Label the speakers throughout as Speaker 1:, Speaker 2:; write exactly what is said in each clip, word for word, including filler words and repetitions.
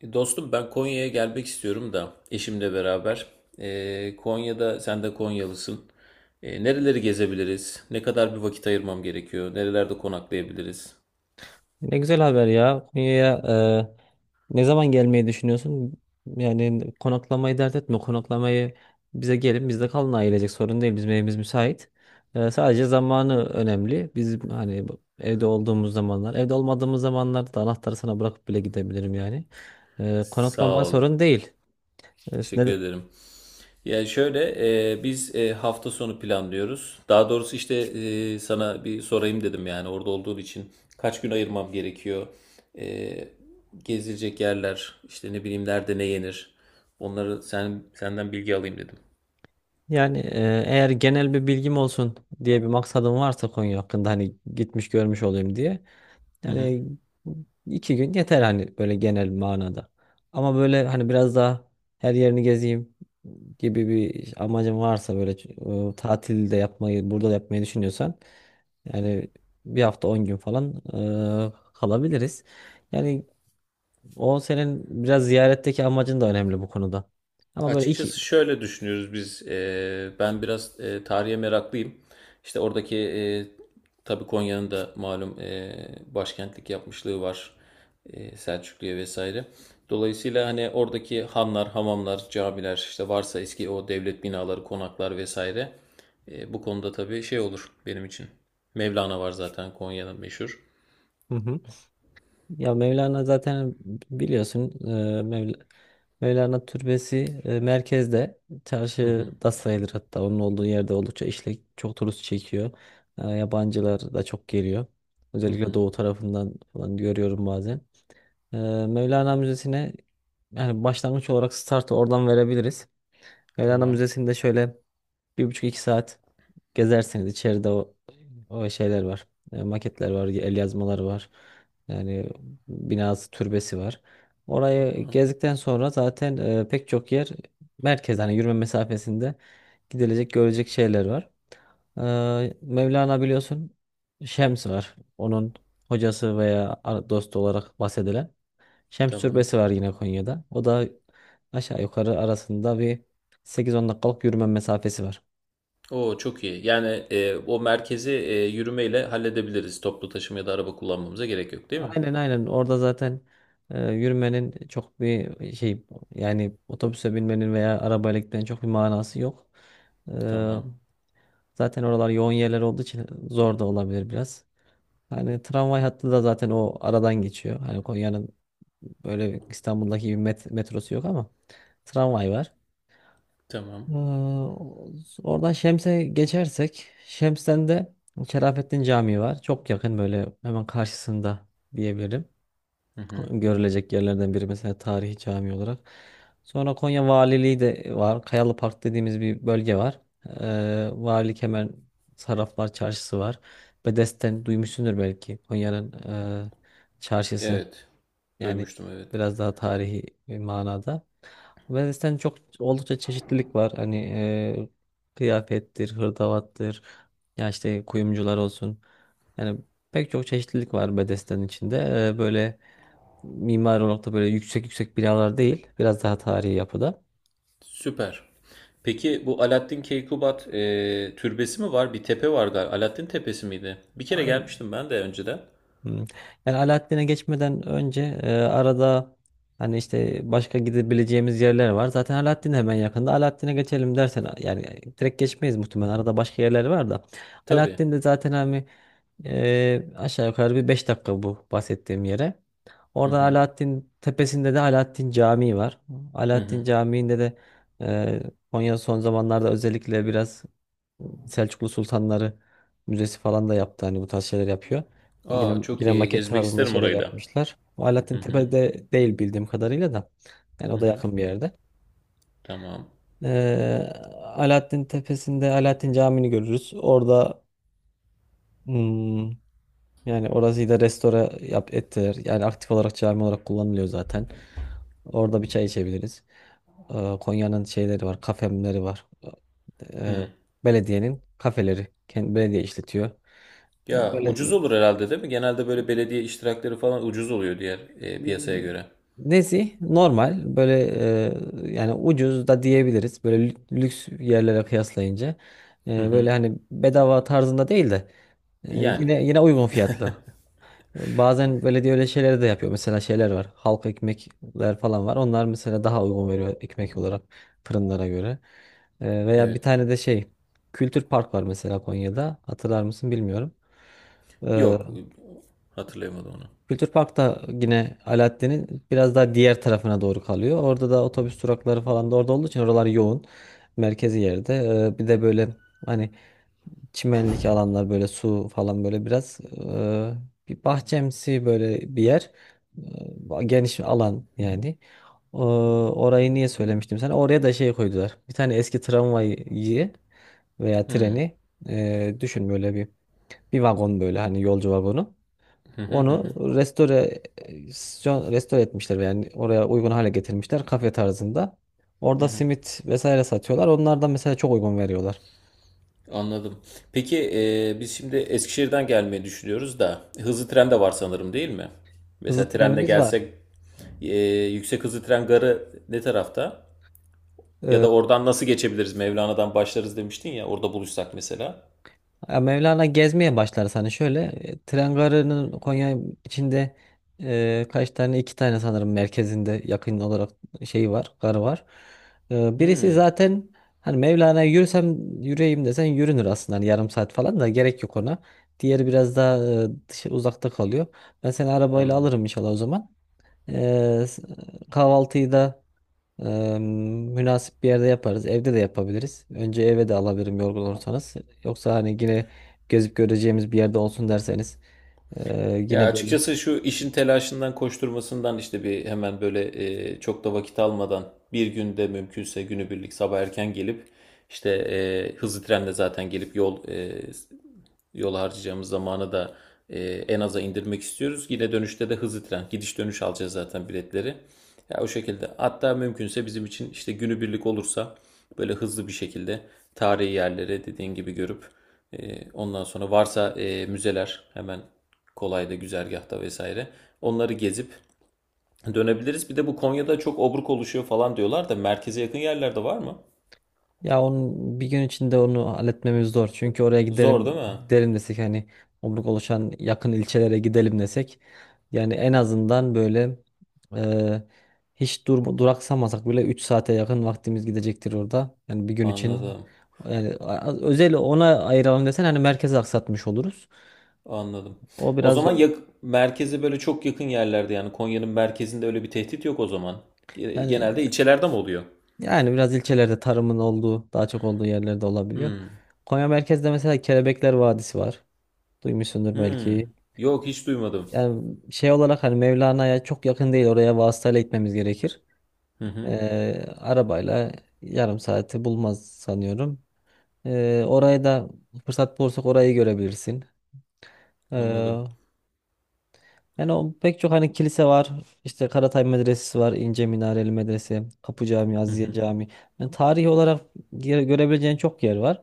Speaker 1: E, Dostum ben Konya'ya gelmek istiyorum da eşimle beraber. E, Konya'da sen de Konyalısın. E, nereleri gezebiliriz? Ne kadar bir vakit ayırmam gerekiyor? Nerelerde konaklayabiliriz?
Speaker 2: Ne güzel haber ya. Konya'ya e, ne zaman gelmeyi düşünüyorsun? Yani konaklamayı dert etme. Konaklamayı bize gelin, bizde kalın, ailecek sorun değil. Bizim evimiz müsait. E, sadece zamanı önemli. Biz hani bu- evde olduğumuz zamanlar, evde olmadığımız zamanlarda da anahtarı sana bırakıp bile gidebilirim yani. E,
Speaker 1: Sağ
Speaker 2: konaklama
Speaker 1: ol.
Speaker 2: sorun değil. E,
Speaker 1: Teşekkür
Speaker 2: ne-
Speaker 1: ederim. Yani şöyle, e, biz e, hafta sonu planlıyoruz. Daha doğrusu işte e, sana bir sorayım dedim yani orada olduğun için kaç gün ayırmam gerekiyor? E, Gezilecek yerler işte ne bileyim, nerede ne yenir? Onları sen senden bilgi alayım dedim.
Speaker 2: Yani, e, eğer genel bir bilgim olsun diye bir maksadım varsa Konya hakkında, hani gitmiş görmüş olayım diye.
Speaker 1: Hı hı.
Speaker 2: Yani iki gün yeter hani böyle genel manada. Ama böyle hani biraz daha her yerini gezeyim gibi bir amacın varsa, böyle e, tatil de yapmayı burada da yapmayı düşünüyorsan, yani bir hafta on gün falan e, kalabiliriz. Yani o senin biraz ziyaretteki amacın da önemli bu konuda. Ama böyle iki.
Speaker 1: Açıkçası şöyle düşünüyoruz biz. Eee, ben biraz eee, tarihe meraklıyım. İşte oradaki eee tabii Konya'nın da malum eee, başkentlik yapmışlığı var. Eee, Selçuklu'ya vesaire. Dolayısıyla hani oradaki hanlar, hamamlar, camiler, işte varsa eski o devlet binaları, konaklar vesaire. Eee, bu konuda tabii şey olur benim için. Mevlana var zaten, Konya'nın meşhur.
Speaker 2: Hı hı. Ya Mevlana zaten biliyorsun, Mevlana Türbesi e, merkezde,
Speaker 1: Hı hı,
Speaker 2: çarşıda sayılır, hatta onun olduğu yerde oldukça işlek, çok turist çekiyor. E, yabancılar da çok geliyor.
Speaker 1: hı
Speaker 2: Özellikle
Speaker 1: hı.
Speaker 2: doğu tarafından falan görüyorum bazen. E, Mevlana Müzesi'ne, yani başlangıç olarak startı oradan verebiliriz. Mevlana
Speaker 1: Tamam,
Speaker 2: Müzesi'nde şöyle bir buçuk iki saat gezersiniz içeride. O, o şeyler var. E, maketler var, el yazmaları var. Yani binası, türbesi var. Orayı
Speaker 1: tamam,
Speaker 2: gezdikten sonra zaten e, pek çok yer merkez, hani yürüme mesafesinde gidilecek, görülecek şeyler var. E, Mevlana biliyorsun, Şems var. Onun hocası veya ar- dostu olarak bahsedilen Şems
Speaker 1: tamam.
Speaker 2: türbesi var yine Konya'da. O da aşağı yukarı arasında bir sekiz on dakikalık yürüme mesafesi var.
Speaker 1: Oo, çok iyi. Yani e, o merkezi e, yürümeyle halledebiliriz. Toplu taşıma ya da araba kullanmamıza gerek yok, değil mi?
Speaker 2: Aynen, aynen, orada zaten e, yürümenin çok bir şey, yani otobüse binmenin veya arabayla gitmenin çok bir manası yok. E,
Speaker 1: Tamam.
Speaker 2: zaten oralar yoğun yerler olduğu için zor da olabilir biraz. Hani tramvay hattı da zaten o aradan geçiyor. Hani Konya'nın böyle İstanbul'daki gibi met- metrosu yok ama tramvay var.
Speaker 1: Tamam.
Speaker 2: E, oradan Şems'e geçersek, Şems'ten de Şerafettin Camii var. Çok yakın, böyle hemen karşısında diyebilirim,
Speaker 1: Hı hı.
Speaker 2: görülecek yerlerden biri mesela tarihi cami olarak. Sonra Konya Valiliği de var. Kayalı Park dediğimiz bir bölge var. Ee, Valilik hemen, Sarraflar Çarşısı var. Bedesten duymuşsundur belki, Konya'nın e, çarşısı.
Speaker 1: Evet.
Speaker 2: Yani
Speaker 1: Duymuştum, evet.
Speaker 2: biraz daha tarihi bir manada. Venice'ten çok oldukça çeşitlilik var. Hani e, kıyafettir, hırdavattır, ya işte kuyumcular olsun. Yani pek çok çeşitlilik var Bedesten içinde. E, böyle mimari olarak da böyle yüksek yüksek binalar değil. Biraz daha tarihi yapıda.
Speaker 1: Süper. Peki, bu Alaaddin Keykubat e, türbesi mi var? Bir tepe var galiba. Alaaddin Tepesi miydi? Bir
Speaker 2: Yani
Speaker 1: kere
Speaker 2: aynen.
Speaker 1: gelmiştim ben de önceden.
Speaker 2: Hmm. Yani Alaaddin'e geçmeden önce e, arada hani işte başka gidebileceğimiz yerler var. Zaten Alaaddin hemen yakında. Alaaddin'e geçelim dersen, yani direkt geçmeyiz muhtemelen. Arada başka yerler var da.
Speaker 1: Tabii.
Speaker 2: Alaaddin de zaten hani e, aşağı yukarı bir beş dakika bu bahsettiğim yere.
Speaker 1: Hı
Speaker 2: Orada
Speaker 1: hı.
Speaker 2: Alaaddin tepesinde de Alaaddin Camii var.
Speaker 1: Hı
Speaker 2: Alaaddin
Speaker 1: hı.
Speaker 2: Camii'nde de e, Konya son zamanlarda özellikle biraz Selçuklu Sultanları Müzesi falan da yaptı. Hani bu tarz şeyler yapıyor. Yine,
Speaker 1: Aa, çok
Speaker 2: yine
Speaker 1: iyi.
Speaker 2: maket
Speaker 1: Gezmek
Speaker 2: tarzında
Speaker 1: isterim
Speaker 2: şeyler
Speaker 1: orayı da.
Speaker 2: yapmışlar. O Alaaddin Tepe'de değil bildiğim kadarıyla da. Yani o da yakın bir yerde.
Speaker 1: Tamam.
Speaker 2: Ee, Alaaddin Tepesi'nde Alaaddin Camii'ni görürüz. Orada hmm, yani orası da restore yap, ettiler. Yani aktif olarak cami olarak kullanılıyor zaten. Orada bir çay içebiliriz. Ee, Konya'nın şeyleri var, kafemleri var. Ee, belediyenin kafeleri. Kendi belediye işletiyor. Yani
Speaker 1: Ya
Speaker 2: böyle,
Speaker 1: ucuz olur herhalde, değil mi? Genelde böyle belediye iştirakleri falan ucuz oluyor diğer e, piyasaya göre.
Speaker 2: nezih, normal, böyle e, yani ucuz da diyebiliriz böyle lü- lüks yerlere kıyaslayınca. E, böyle hani bedava tarzında değil de e,
Speaker 1: Yani.
Speaker 2: yine yine uygun fiyatlı. Bazen belediye öyle şeyleri de yapıyor. Mesela şeyler var, halk ekmekler falan var. Onlar mesela daha uygun veriyor ekmek olarak fırınlara göre. E, veya bir
Speaker 1: Evet.
Speaker 2: tane de şey, Kültür Park var mesela Konya'da. Hatırlar mısın bilmiyorum. E,
Speaker 1: Yok, hatırlayamadım onu.
Speaker 2: Kültür Park da yine Alaaddin'in biraz daha diğer tarafına doğru kalıyor. Orada da otobüs durakları falan da orada olduğu için oralar yoğun. Merkezi yerde. Ee, bir de böyle hani çimenlik alanlar, böyle su falan, böyle biraz e, bir bahçemsi böyle bir yer. Ee, Geniş alan yani. Ee, orayı niye söylemiştim sana? Oraya da şey koydular. Bir tane eski tramvayı veya treni, e, düşün böyle bir bir vagon böyle hani yolcu vagonu. Onu restore e, restore etmişler, yani oraya uygun hale getirmişler kafe tarzında. Orada simit vesaire satıyorlar. Onlardan mesela çok uygun veriyorlar.
Speaker 1: Anladım. Peki e, biz şimdi Eskişehir'den gelmeyi düşünüyoruz da hızlı tren de var sanırım, değil mi?
Speaker 2: Hızlı
Speaker 1: Mesela trende
Speaker 2: trenimiz var.
Speaker 1: gelsek e, yüksek hızlı tren garı ne tarafta? Ya
Speaker 2: Ee,
Speaker 1: da oradan nasıl geçebiliriz? Mevlana'dan başlarız demiştin ya, orada buluşsak mesela.
Speaker 2: Ya Mevlana gezmeye başlar sana şöyle. e, Tren garının Konya içinde e, kaç tane, iki tane sanırım, merkezinde yakın olarak şey var, garı var. E, birisi
Speaker 1: Hmm,
Speaker 2: zaten hani Mevlana'ya yürüsem yürüyeyim desen yürünür aslında, hani yarım saat falan da gerek yok ona. Diğeri biraz daha e, dışı, uzakta kalıyor. Ben seni arabayla
Speaker 1: anladım.
Speaker 2: alırım inşallah o zaman. E, s- kahvaltıyı da Eee, münasip bir yerde yaparız. Evde de yapabiliriz. Önce eve de alabilirim yorgun olursanız. Yoksa hani yine gezip göreceğimiz bir yerde olsun derseniz, eee,
Speaker 1: Ya
Speaker 2: yine böyle.
Speaker 1: açıkçası şu işin telaşından, koşturmasından işte bir hemen böyle e, çok da vakit almadan bir günde mümkünse günübirlik sabah erken gelip işte e, hızlı trenle zaten gelip yol e, yol harcayacağımız zamanı da e, en aza indirmek istiyoruz. Yine dönüşte de hızlı tren, gidiş dönüş alacağız zaten biletleri. Ya o şekilde. Hatta mümkünse bizim için işte günübirlik olursa böyle hızlı bir şekilde tarihi yerlere dediğin gibi görüp e, ondan sonra varsa e, müzeler hemen kolayda güzergahta vesaire onları gezip dönebiliriz. Bir de bu Konya'da çok obruk oluşuyor falan diyorlar da merkeze yakın yerlerde var mı?
Speaker 2: Ya onun bir gün içinde onu halletmemiz zor. Çünkü oraya
Speaker 1: Zor
Speaker 2: gidelim
Speaker 1: değil mi?
Speaker 2: gidelim desek hani, omruk oluşan yakın ilçelere gidelim desek, yani en azından böyle eee, hiç dur duraksamasak bile üç saate yakın vaktimiz gidecektir orada. Yani bir gün için,
Speaker 1: Anladım.
Speaker 2: yani a- özel ona ayıralım desen hani merkezi aksatmış oluruz.
Speaker 1: Anladım.
Speaker 2: O
Speaker 1: O
Speaker 2: biraz
Speaker 1: zaman
Speaker 2: zor.
Speaker 1: yak merkeze böyle çok yakın yerlerde, yani Konya'nın merkezinde öyle bir tehdit yok o zaman. Ge-
Speaker 2: Yani
Speaker 1: Genelde ilçelerde mi oluyor?
Speaker 2: yani biraz ilçelerde tarımın olduğu, daha çok olduğu yerlerde olabiliyor.
Speaker 1: Hmm.
Speaker 2: Konya merkezde mesela Kelebekler Vadisi var. Duymuşsundur
Speaker 1: Hmm.
Speaker 2: belki.
Speaker 1: Yok, hiç duymadım.
Speaker 2: Yani şey olarak hani Mevlana'ya çok yakın değil. Oraya vasıtayla gitmemiz gerekir.
Speaker 1: Hı hı.
Speaker 2: Ee, arabayla yarım saati bulmaz sanıyorum. Ee, oraya da fırsat bulursak orayı görebilirsin. Ee,
Speaker 1: Anladım.
Speaker 2: Yani o pek çok hani kilise var, işte Karatay Medresesi var, İnce Minareli Medrese, Kapı Camii,
Speaker 1: Hı
Speaker 2: Aziye
Speaker 1: hı.
Speaker 2: Camii. Yani tarihi olarak gere- görebileceğin çok yer var.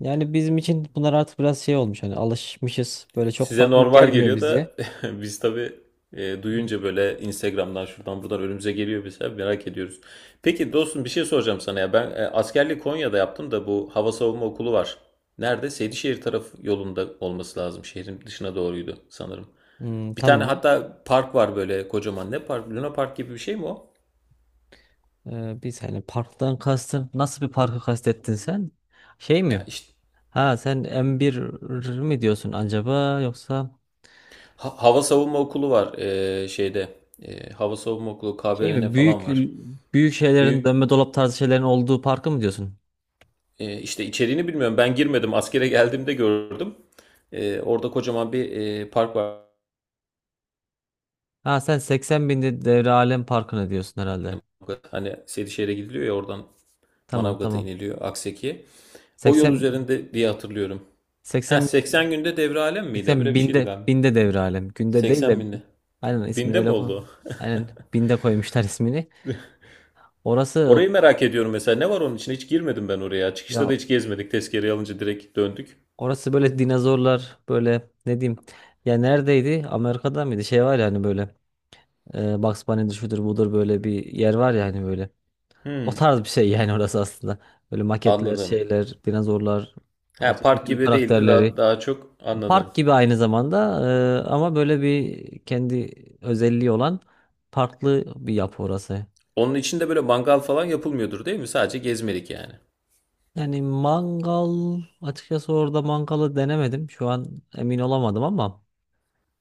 Speaker 2: Yani bizim için bunlar artık biraz şey olmuş. Hani alışmışız. Böyle çok
Speaker 1: Size
Speaker 2: farklı
Speaker 1: normal
Speaker 2: gelmiyor
Speaker 1: geliyor
Speaker 2: bize.
Speaker 1: da biz tabii e, duyunca böyle Instagram'dan şuradan buradan önümüze geliyor, bize merak ediyoruz. Peki dostum, bir şey soracağım sana ya. Ben e, askerliği Konya'da yaptım da bu hava savunma okulu var. Nerede? Seydişehir tarafı yolunda olması lazım. Şehrin dışına doğruydu sanırım.
Speaker 2: Hmm,
Speaker 1: Bir tane
Speaker 2: tamam.
Speaker 1: hatta park var böyle kocaman. Ne park? Luna Park gibi bir şey mi o?
Speaker 2: Ee, biz hani parktan kastın, nasıl bir parkı kastettin sen? Şey
Speaker 1: Ya
Speaker 2: mi?
Speaker 1: işte
Speaker 2: Ha sen M bir mi diyorsun acaba, yoksa
Speaker 1: ha- hava savunma okulu var e, şeyde. E, hava savunma okulu
Speaker 2: şey
Speaker 1: K B R N
Speaker 2: mi?
Speaker 1: falan
Speaker 2: Büyük
Speaker 1: var.
Speaker 2: büyük şeylerin,
Speaker 1: Büyük,
Speaker 2: dönme dolap tarzı şeylerin olduğu parkı mı diyorsun?
Speaker 1: e, işte içeriğini bilmiyorum. Ben girmedim. Askere geldiğimde gördüm. E, orada kocaman bir e, park var.
Speaker 2: Ha sen seksen binde Devre Alem Parkı'na diyorsun herhalde.
Speaker 1: Hani Sedişehir'e gidiliyor ya, oradan
Speaker 2: Tamam,
Speaker 1: Manavgat'a
Speaker 2: tamam.
Speaker 1: iniliyor, Akseki'ye. O yol
Speaker 2: seksen
Speaker 1: üzerinde diye hatırlıyorum. Ha,
Speaker 2: seksen binde,
Speaker 1: seksen günde devre alem miydi?
Speaker 2: seksen
Speaker 1: Böyle bir şeydi
Speaker 2: binde
Speaker 1: galiba.
Speaker 2: binde Devre Alem. Günde değil de,
Speaker 1: seksen binde.
Speaker 2: aynen, ismini
Speaker 1: Binde mi
Speaker 2: öyle koy.
Speaker 1: oldu o?
Speaker 2: Aynen, binde koymuşlar ismini. Orası,
Speaker 1: Orayı merak ediyorum mesela. Ne var onun için? Hiç girmedim ben oraya. Çıkışta
Speaker 2: ya
Speaker 1: da hiç gezmedik. Tezkereyi alınca direkt döndük.
Speaker 2: orası böyle dinozorlar, böyle ne diyeyim. Ya neredeydi? Amerika'da mıydı? Şey var ya hani böyle, e, Bugs Bunny'dir, şudur budur, böyle bir yer var ya hani böyle. O
Speaker 1: Hmm,
Speaker 2: tarz bir şey yani orası aslında. Böyle maketler,
Speaker 1: anladım.
Speaker 2: şeyler, dinozorlar,
Speaker 1: Ha,
Speaker 2: çizgi
Speaker 1: park
Speaker 2: film
Speaker 1: gibi değildi. Daha,
Speaker 2: karakterleri.
Speaker 1: daha çok anladım.
Speaker 2: Park gibi aynı zamanda e, ama böyle bir kendi özelliği olan farklı bir yapı orası.
Speaker 1: Onun içinde böyle mangal falan yapılmıyordur, değil mi? Sadece gezmelik yani.
Speaker 2: Yani mangal açıkçası, orada mangalı denemedim. Şu an emin olamadım ama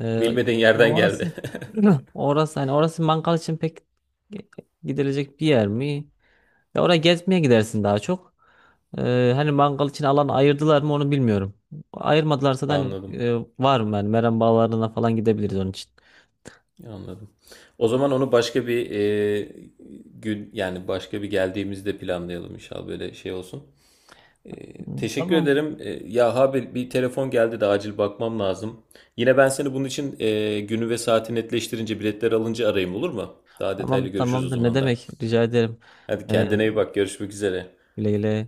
Speaker 2: e,
Speaker 1: Bilmediğin
Speaker 2: ya
Speaker 1: yerden
Speaker 2: orası
Speaker 1: geldi.
Speaker 2: orası hani orası mangal için pek gidilecek bir yer mi? Ya oraya gezmeye gidersin daha çok. E, hani mangal için alan ayırdılar mı onu bilmiyorum. Ayırmadılarsa da hani
Speaker 1: Anladım.
Speaker 2: e, var mı yani, Meram Bağları'na falan gidebiliriz onun için.
Speaker 1: Anladım. O zaman onu başka bir e, gün, yani başka bir geldiğimizde planlayalım inşallah, böyle şey olsun. Ee, teşekkür
Speaker 2: Tamam.
Speaker 1: ederim. Ee, ya abi, bir telefon geldi de acil bakmam lazım. Yine ben seni bunun için e, günü ve saati netleştirince, biletler alınca arayayım, olur mu? Daha detaylı
Speaker 2: Tamam,
Speaker 1: görüşürüz o
Speaker 2: tamamdır, ne
Speaker 1: zaman da.
Speaker 2: demek, rica ederim.
Speaker 1: Hadi,
Speaker 2: Ee,
Speaker 1: kendine iyi bak. Görüşmek üzere.
Speaker 2: güle güle.